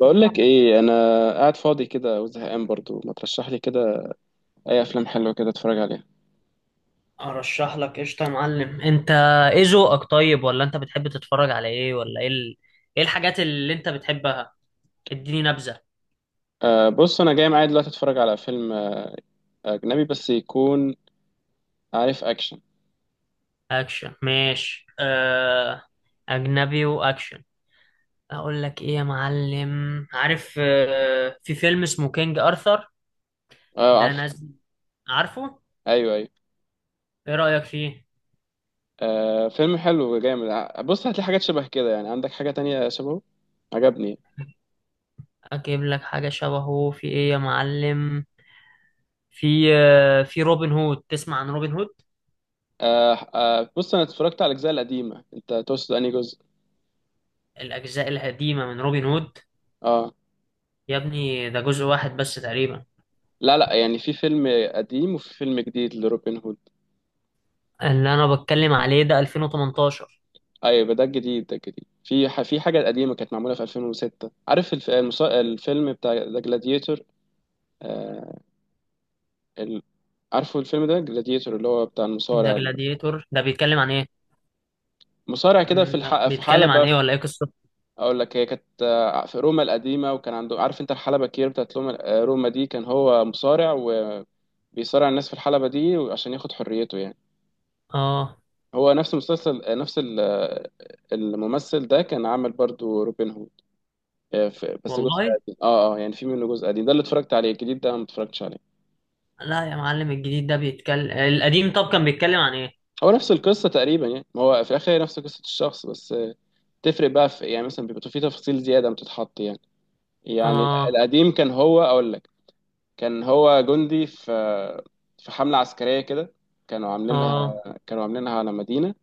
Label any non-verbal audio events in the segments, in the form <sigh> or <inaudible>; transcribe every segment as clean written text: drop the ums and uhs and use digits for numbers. بقول لك ايه، انا قاعد فاضي كده وزهقان، برضو ما ترشح لي كده اي افلام حلوه كده اتفرج عليها. ارشح لك قشطه، يا معلم. انت ايه ذوقك؟ طيب، ولا انت بتحب تتفرج على ايه؟ ولا ايه ايه الحاجات اللي انت بتحبها؟ اديني نبذه. بص، انا جاي معايا دلوقتي اتفرج على فيلم اجنبي بس، يكون عارف، اكشن. اكشن ماشي. اجنبي واكشن. اقول لك ايه يا معلم، عارف في فيلم اسمه كينج ارثر، اه، ده عارف. نازل، عارفه؟ ايوه، ايوه. ايه رأيك فيه؟ فيلم حلو وجامد. بص، هتلاقي حاجات شبه كده، يعني عندك حاجه تانية شبهه عجبني. اجيب لك حاجة شبهه في ايه يا معلم؟ في روبن هود، تسمع عن روبن هود؟ أه أه بص، انا اتفرجت على الاجزاء القديمه. انت تقصد انهي جزء؟ الاجزاء القديمة من روبن هود؟ اه، يا ابني ده جزء واحد بس تقريبا. لا لا، يعني في فيلم قديم وفي فيلم جديد لروبن هود. اللي انا بتكلم عليه ده 2018. ايوه ده الجديد، ده الجديد. في حاجه قديمه كانت معموله في 2006. عارف الفيلم بتاع ذا جلاديتور، آه... ال... عارفه الفيلم ده، جلاديتور، اللي هو بتاع ده المصارع. جلاديتور، ده بيتكلم عن ايه؟ المصارع كده لا، في بيتكلم عن حلبة ايه ولا ايه قصته؟ اقول لك، هي كانت في روما القديمه، وكان عنده، عارف انت الحلبة الكبيره بتاعت روما، روما دي كان هو مصارع. وبيصارع الناس في الحلبة دي عشان ياخد حريته يعني. اه، هو نفس المسلسل، آه، نفس ال- آه، الممثل ده كان عامل برضو روبن هود. بس جزء والله. قديم. اه، اه، يعني في منه جزء قديم، ده اللي اتفرجت عليه. الجديد ده ما اتفرجتش عليه. لا يا معلم، الجديد ده بيتكلم. القديم طب كان بيتكلم عن ايه؟ هو نفس القصه تقريبا يعني، ما هو في الاخر هي نفس قصه الشخص، بس تفرق بقى في، يعني مثلا بيبقى في تفاصيل زياده بتتحط يعني. يعني اه، القديم كان هو، اقول لك، كان هو جندي في حمله عسكريه كده. كانوا عاملينها، اه، كانوا عاملينها على مدينه.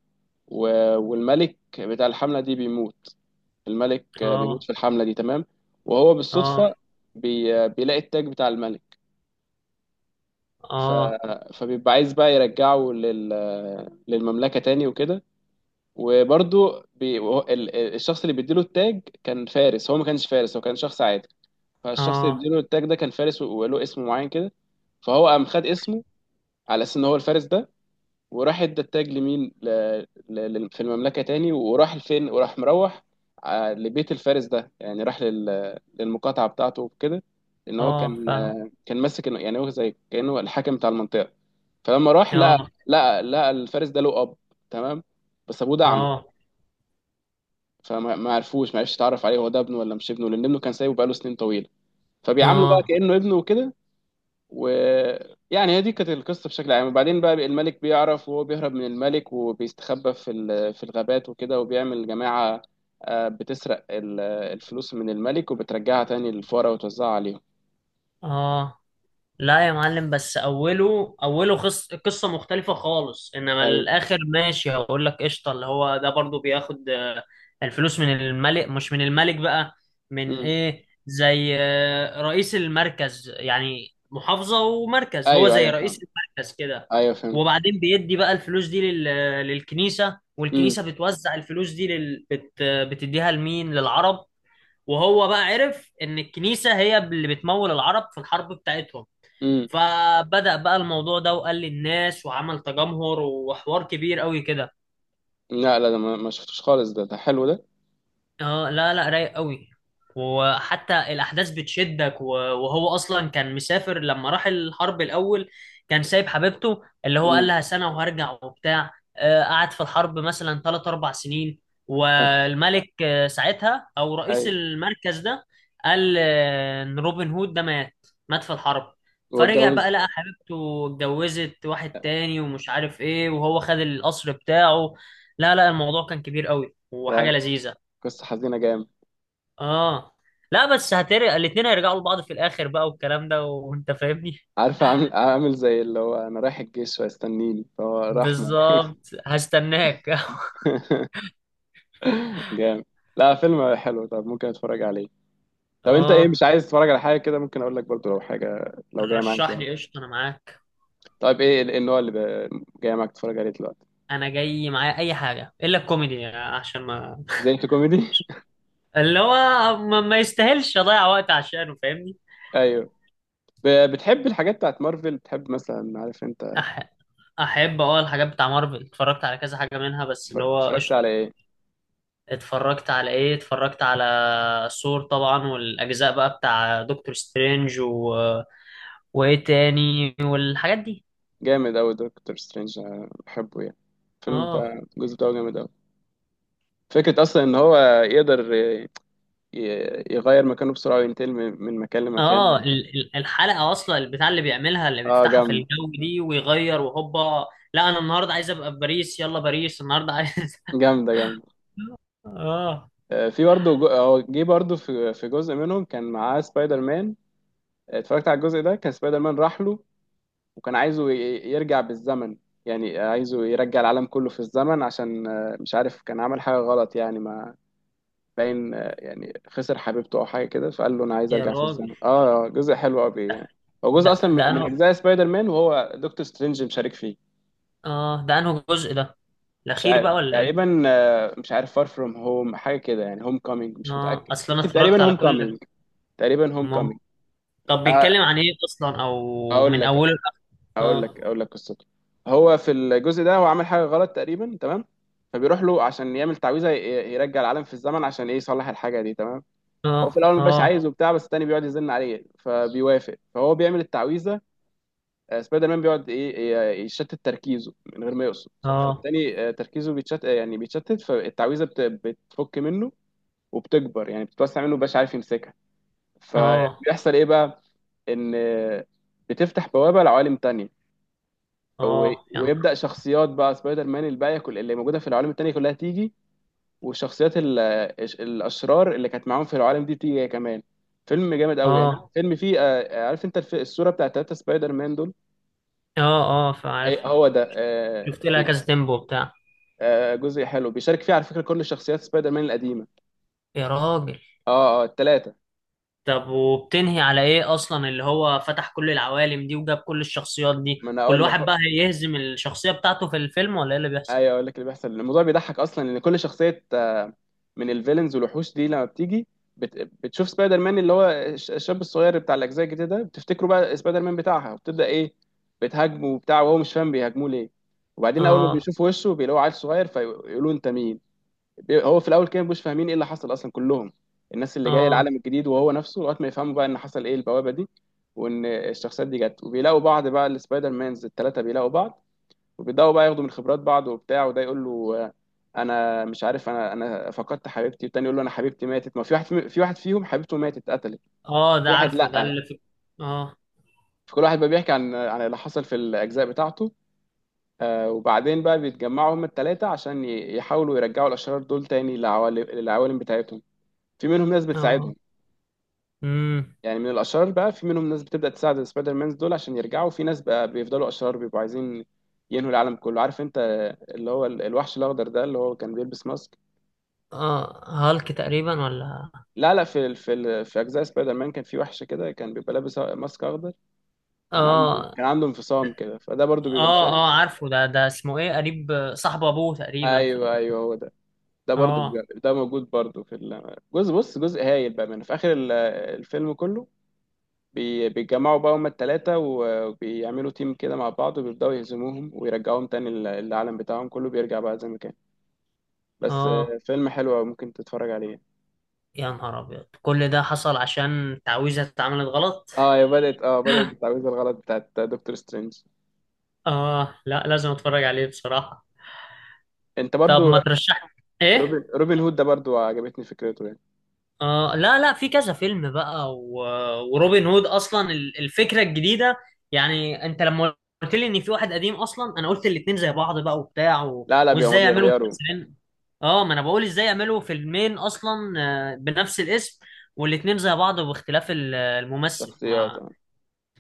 و- والملك بتاع الحمله دي بيموت. الملك بيموت اه، في الحمله دي، تمام. وهو اه، بالصدفه بيلاقي التاج بتاع الملك. ف... اه، فبيبقى عايز بقى يرجعه للمملكة تاني وكده. وبرضه بي... وهو- ال- ال- الشخص اللي بيديله التاج كان فارس. هو ما كانش فارس، هو كان شخص عادي. فالشخص اللي اه، بيديله التاج ده كان فارس، و- وله اسم معين كده. فهو قام خد اسمه، على اساس ان هو الفارس ده. وراح ادى التاج لمين، في المملكة تاني. وراح لفين، وراح مروح لبيت الفارس ده. يعني راح للمقاطعة بتاعته وكده. ان هو اه، كان، فاهم. كان ماسك، يعني هو زي كأنه الحاكم بتاع المنطقة. فلما راح لقى، اه، الفارس ده له اب، تمام. بس ابوه ده اعمى. اه، فما ما عرفوش ما عرفش يتعرف عليه، هو ده ابنه ولا مش ابنه، لان ابنه كان سايبه بقاله سنين طويله. فبيعامله بقى اه، كانه ابنه وكده. ويعني هي دي كانت القصه بشكل عام. وبعدين بقى الملك بيعرف، وهو بيهرب من الملك وبيستخبى في الغابات وكده، وبيعمل جماعه بتسرق الفلوس من الملك وبترجعها تاني للفقراء وتوزعها عليهم. اه. لا يا معلم، بس اوله اوله قصه مختلفه خالص، انما ايوه. الاخر ماشي. هقول لك قشطه، اللي هو ده برضو بياخد الفلوس من الملك. مش من الملك بقى، من مم. ايه؟ زي رئيس المركز يعني، محافظه ومركز، هو ايوه، زي ايوه، رئيس فاهم. المركز كده. ايوه، فهمت. وبعدين بيدي بقى الفلوس دي للكنيسه، امم. والكنيسه بتوزع الفلوس دي بتديها لمين؟ للعرب. وهو بقى عرف ان الكنيسه هي اللي بتمول العرب في الحرب بتاعتهم. امم. فبدأ بقى الموضوع ده، وقال للناس، وعمل تجمهر وحوار كبير قوي كده. لا لا، ده ما شفتوش خالص. ده حلو ده. اه، لا لا، رايق قوي. وحتى الاحداث بتشدك وهو اصلا كان مسافر لما راح الحرب الاول. كان سايب حبيبته، اللي هو قال امم. لها سنه وهرجع وبتاع. قعد في الحرب مثلا 3 4 سنين. <laughs> والملك ساعتها، او رئيس ايوه. المركز ده، قال ان روبن هود ده مات. مات في الحرب. هو فرجع اتجوز؟ بقى، لقى حبيبته اتجوزت واحد تاني ومش عارف ايه، وهو خد القصر بتاعه. لا لا، الموضوع كان كبير قوي وحاجه ده لذيذه. قصة حزينة جامد. اه. لا بس هترق، الاتنين هيرجعوا لبعض في الاخر بقى والكلام ده، وانت فاهمني. عارفة، عامل عامل زي اللي هو انا رايح الجيش وهيستنيني فهو راح معي. بالظبط. هستناك <laughs> <laughs> جامد. لا، فيلم حلو. طب ممكن اتفرج عليه. لو انت ايه، اه. مش عايز تتفرج على حاجة كده، ممكن اقول لك برضو لو حاجة لو جاية معاك رشح يعني. لي قشطه، انا معاك. طيب، إيه النوع اللي جاي معاك تتفرج عليه دلوقتي؟ انا جاي معايا اي حاجه الا الكوميدي عشان ما زي أنت، كوميدي. <laughs> اللي هو ما يستاهلش اضيع وقت عشانه، فاهمني. <laughs> ايوه. بتحب الحاجات بتاعت مارفل؟ بتحب مثلا، عارف انت. أح... احب، اه، الحاجات بتاع مارفل. اتفرجت على كذا حاجه منها، بس اللي هو اتفرجت قشطه. على ايه؟ اتفرجت على ايه؟ اتفرجت على ثور طبعا، والاجزاء بقى بتاع دكتور سترينج وايه تاني، والحاجات دي. جامد اوي، دكتور سترينج أنا بحبه يعني. الفيلم اه، بتاع الجزء بتاعه جامد أوي. فكرة أصلا إن هو يقدر يغير مكانه بسرعة وينتقل من مكان لمكان. اه، الحلقه اصلا البتاع اللي بيعملها، اللي اه، بيفتحها في جامدة. الجو دي، ويغير، وهوبا. لا، انا النهارده عايز ابقى في باريس، يلا باريس النهارده عايز <laughs> جامدة. جامدة. اه، في برضه هو جه برضه في جزء منهم كان معاه سبايدر مان. اتفرجت على الجزء ده. كان سبايدر مان راح له، وكان عايزه يرجع بالزمن. يعني عايزه يرجع العالم كله في الزمن، عشان مش عارف كان عمل حاجة غلط يعني، ما باين، يعني خسر حبيبته أو حاجة كده. فقال له أنا عايز يا أرجع في راجل. الزمن. جزء حلو أوي ده يعني. هو ده جزء أصلا ده من انه أجزاء سبايدر مان، وهو دكتور سترينج مشارك فيه. اه ده انه جزء. ده مش الاخير عارف بقى ولا ايه؟ تقريبا، مش عارف، فار فروم هوم حاجه كده يعني، هوم كومينج، مش اه، متاكد، اصل انا ممكن اتفرجت تقريبا على هوم كل. كومينج. تقريبا هوم مام. كومينج. طب بيتكلم عن ايه اصلا، او اقول من لك اوله لاخره؟ اه، اقول لك قصته. هو في الجزء ده، هو عمل حاجه غلط تقريبا، تمام. فبيروح له عشان يعمل تعويذه يرجع العالم في الزمن، عشان ايه، يصلح الحاجه دي، تمام. اه، هو في الاول ما بيبقاش اه، عايز وبتاع، بس التاني بيقعد يزن عليه فبيوافق، فهو بيعمل التعويذه. سبايدر مان بيقعد ايه، يشتت تركيزه من غير ما يقصد. اه، فالتاني تركيزه بيتشتت، يعني بيتشتت، فالتعويذه بتفك منه. وبتكبر، يعني بتتوسع منه، مبقاش عارف يمسكها. اه، فبيحصل ايه بقى؟ ان بتفتح بوابه لعوالم تانية. و- اه، يعني، ويبدا شخصيات بقى سبايدر مان الباقيه، كل اللي موجوده في العوالم التانية كلها تيجي. والشخصيات الاشرار اللي كانت معاهم في العوالم دي تيجي هي كمان. فيلم جامد قوي يعني، اه، فيلم فيه عارف انت الصوره بتاعت تلاتة سبايدر مان دول؟ اه، اه، هي فعارفها. هو ده، شفت لها كذا تيمبو بتاع. جزء حلو، بيشارك فيه على فكره كل شخصيات سبايدر مان القديمه. يا راجل. اه، اه، التلاته. طب وبتنهي على ايه اصلا اللي هو فتح كل العوالم دي وجاب كل الشخصيات دي؟ ما انا كل اقول لك. واحد بقى هيهزم الشخصية بتاعته في الفيلم ولا ايه اللي بيحصل؟ ايوه اقول لك اللي بيحصل. الموضوع بيضحك اصلا، ان كل شخصيه من الفيلنز والوحوش دي، لما بتيجي بت... بتشوف سبايدر مان، اللي هو الشاب الصغير بتاع الاجزاء الجديده ده، بتفتكره بقى سبايدر مان بتاعها، وبتبدا ايه؟ بتهاجمه وبتاع، وهو مش فاهم بيهاجموه ليه. وبعدين اول ما اه، بيشوفوا وشه بيلاقوا عيل صغير، فيقولوا انت مين؟ هو في الاول كان مش فاهمين ايه اللي حصل اصلا، كلهم الناس اللي جايه اه، العالم الجديد وهو نفسه، لغايه ما يفهموا بقى ان حصل ايه، البوابه دي، وان الشخصيات دي جت. وبيلاقوا بعض بقى، السبايدر مانز الثلاثه بيلاقوا بعض. وبيبداوا بقى ياخدوا من خبرات بعض وبتاع، وده يقول له انا مش عارف، انا فقدت حبيبتي. والتاني يقول له انا حبيبتي ماتت. ما في واحد، في واحد فيهم حبيبته ماتت اتقتلت. اه. في ده واحد، عارفه، ده لا. اللي في. اه، فكل واحد بقى بيحكي عن اللي حصل في الاجزاء بتاعته. وبعدين بقى بيتجمعوا هم الثلاثه، عشان يحاولوا يرجعوا الاشرار دول تاني للعوالم بتاعتهم. في منهم ناس بتساعدهم. اه، امم. يعني من الاشرار بقى، في منهم ناس بتبدا تساعد السبايدر مانز دول عشان يرجعوا. في ناس بقى بيفضلوا اشرار، بيبقوا عايزين ينهوا العالم كله، عارف انت اللي هو الوحش الاخضر ده اللي هو كان بيلبس ماسك. اه، هالك تقريبا ولا؟ لا لا، في في اجزاء سبايدر مان كان في وحش كده كان بيبقى لابس ماسك اخضر. كان عنده، اه، كان عنده انفصام كده، فده برضو بيبقى اه، مشارك. اه، عارفه ده اسمه ايه؟ قريب صاحب ابوه تقريبا في ايوه، ايوه، هو ده. ده برضو اه، ده موجود برضو في الجزء. بص جزء هايل بقى، من في اخر الفيلم كله. بيتجمعوا بقى هما التلاتة وبيعملوا تيم كده مع بعض، وبيبدأوا يهزموهم ويرجعوهم تاني العالم بتاعهم كله بيرجع بقى زي ما كان. بس اه. فيلم حلو أوي، ممكن تتفرج عليه. يا نهار ابيض، كل ده حصل عشان تعويذة اتعملت غلط؟ اه هي بدأت، بدأت بالتعويذة الغلط بتاعت دكتور سترينج. اه، لا لازم اتفرج عليه بصراحة. انت طب برضو. ما ترشح. ايه؟ روبن هود ده برضو عجبتني فكرته يعني. لا لا، في كذا فيلم بقى وروبن هود اصلا الفكره الجديده يعني. انت لما قلت لي ان في واحد قديم اصلا، انا قلت الاتنين زي بعض بقى وبتاع لا لا، بيبقوا وازاي يعملوا بيغيروا مسلسلين؟ اه، ما انا بقول ازاي يعملوا فيلمين اصلا، بنفس الاسم، والاتنين زي بعض، باختلاف الممثل شخصيات ما. آه.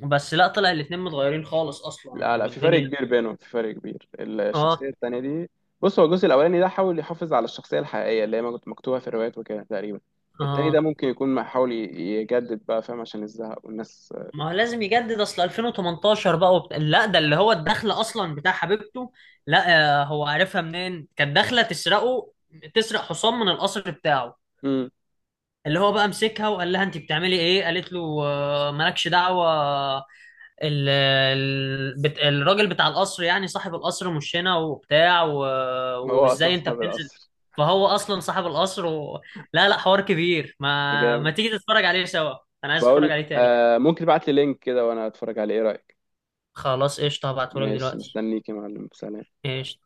بس لا، طلع الاتنين متغيرين خالص اصلا لا لا، في فرق والدنيا. كبير بينهم، في فرق كبير. الشخصية اه، التانية دي، بص هو الجزء الأولاني ده حاول يحافظ على الشخصية الحقيقية اللي هي ما كنت مكتوبة في الروايات وكده تقريبا. التاني ده اه، ممكن يكون ما حاول يجدد بقى، فاهم، عشان الزهق والناس. ما هو لازم يجدد، اصل 2018 بقى لا ده اللي هو الدخله اصلا بتاع حبيبته. لا، هو عارفها منين؟ كانت داخله تسرقه. تسرق حصان من القصر بتاعه. امم. اللي هو بقى مسكها وقال لها انت بتعملي ايه؟ قالت له مالكش دعوه. الراجل بتاع القصر يعني، صاحب القصر مش هنا وبتاع هو أصلا وازاي انت صاحب بتنزل؟ القصر. فهو اصلا صاحب القصر لا لا، حوار كبير، ما ما جامد. تيجي تتفرج عليه سوا. انا عايز اتفرج بقول عليه تاني. ممكن تبعت لي لينك كده وأنا أتفرج عليه؟ إيه رأيك؟ خلاص قشطه، هبعتهولك ماشي، دلوقتي. مستنيك يا معلم، سلام. ايش.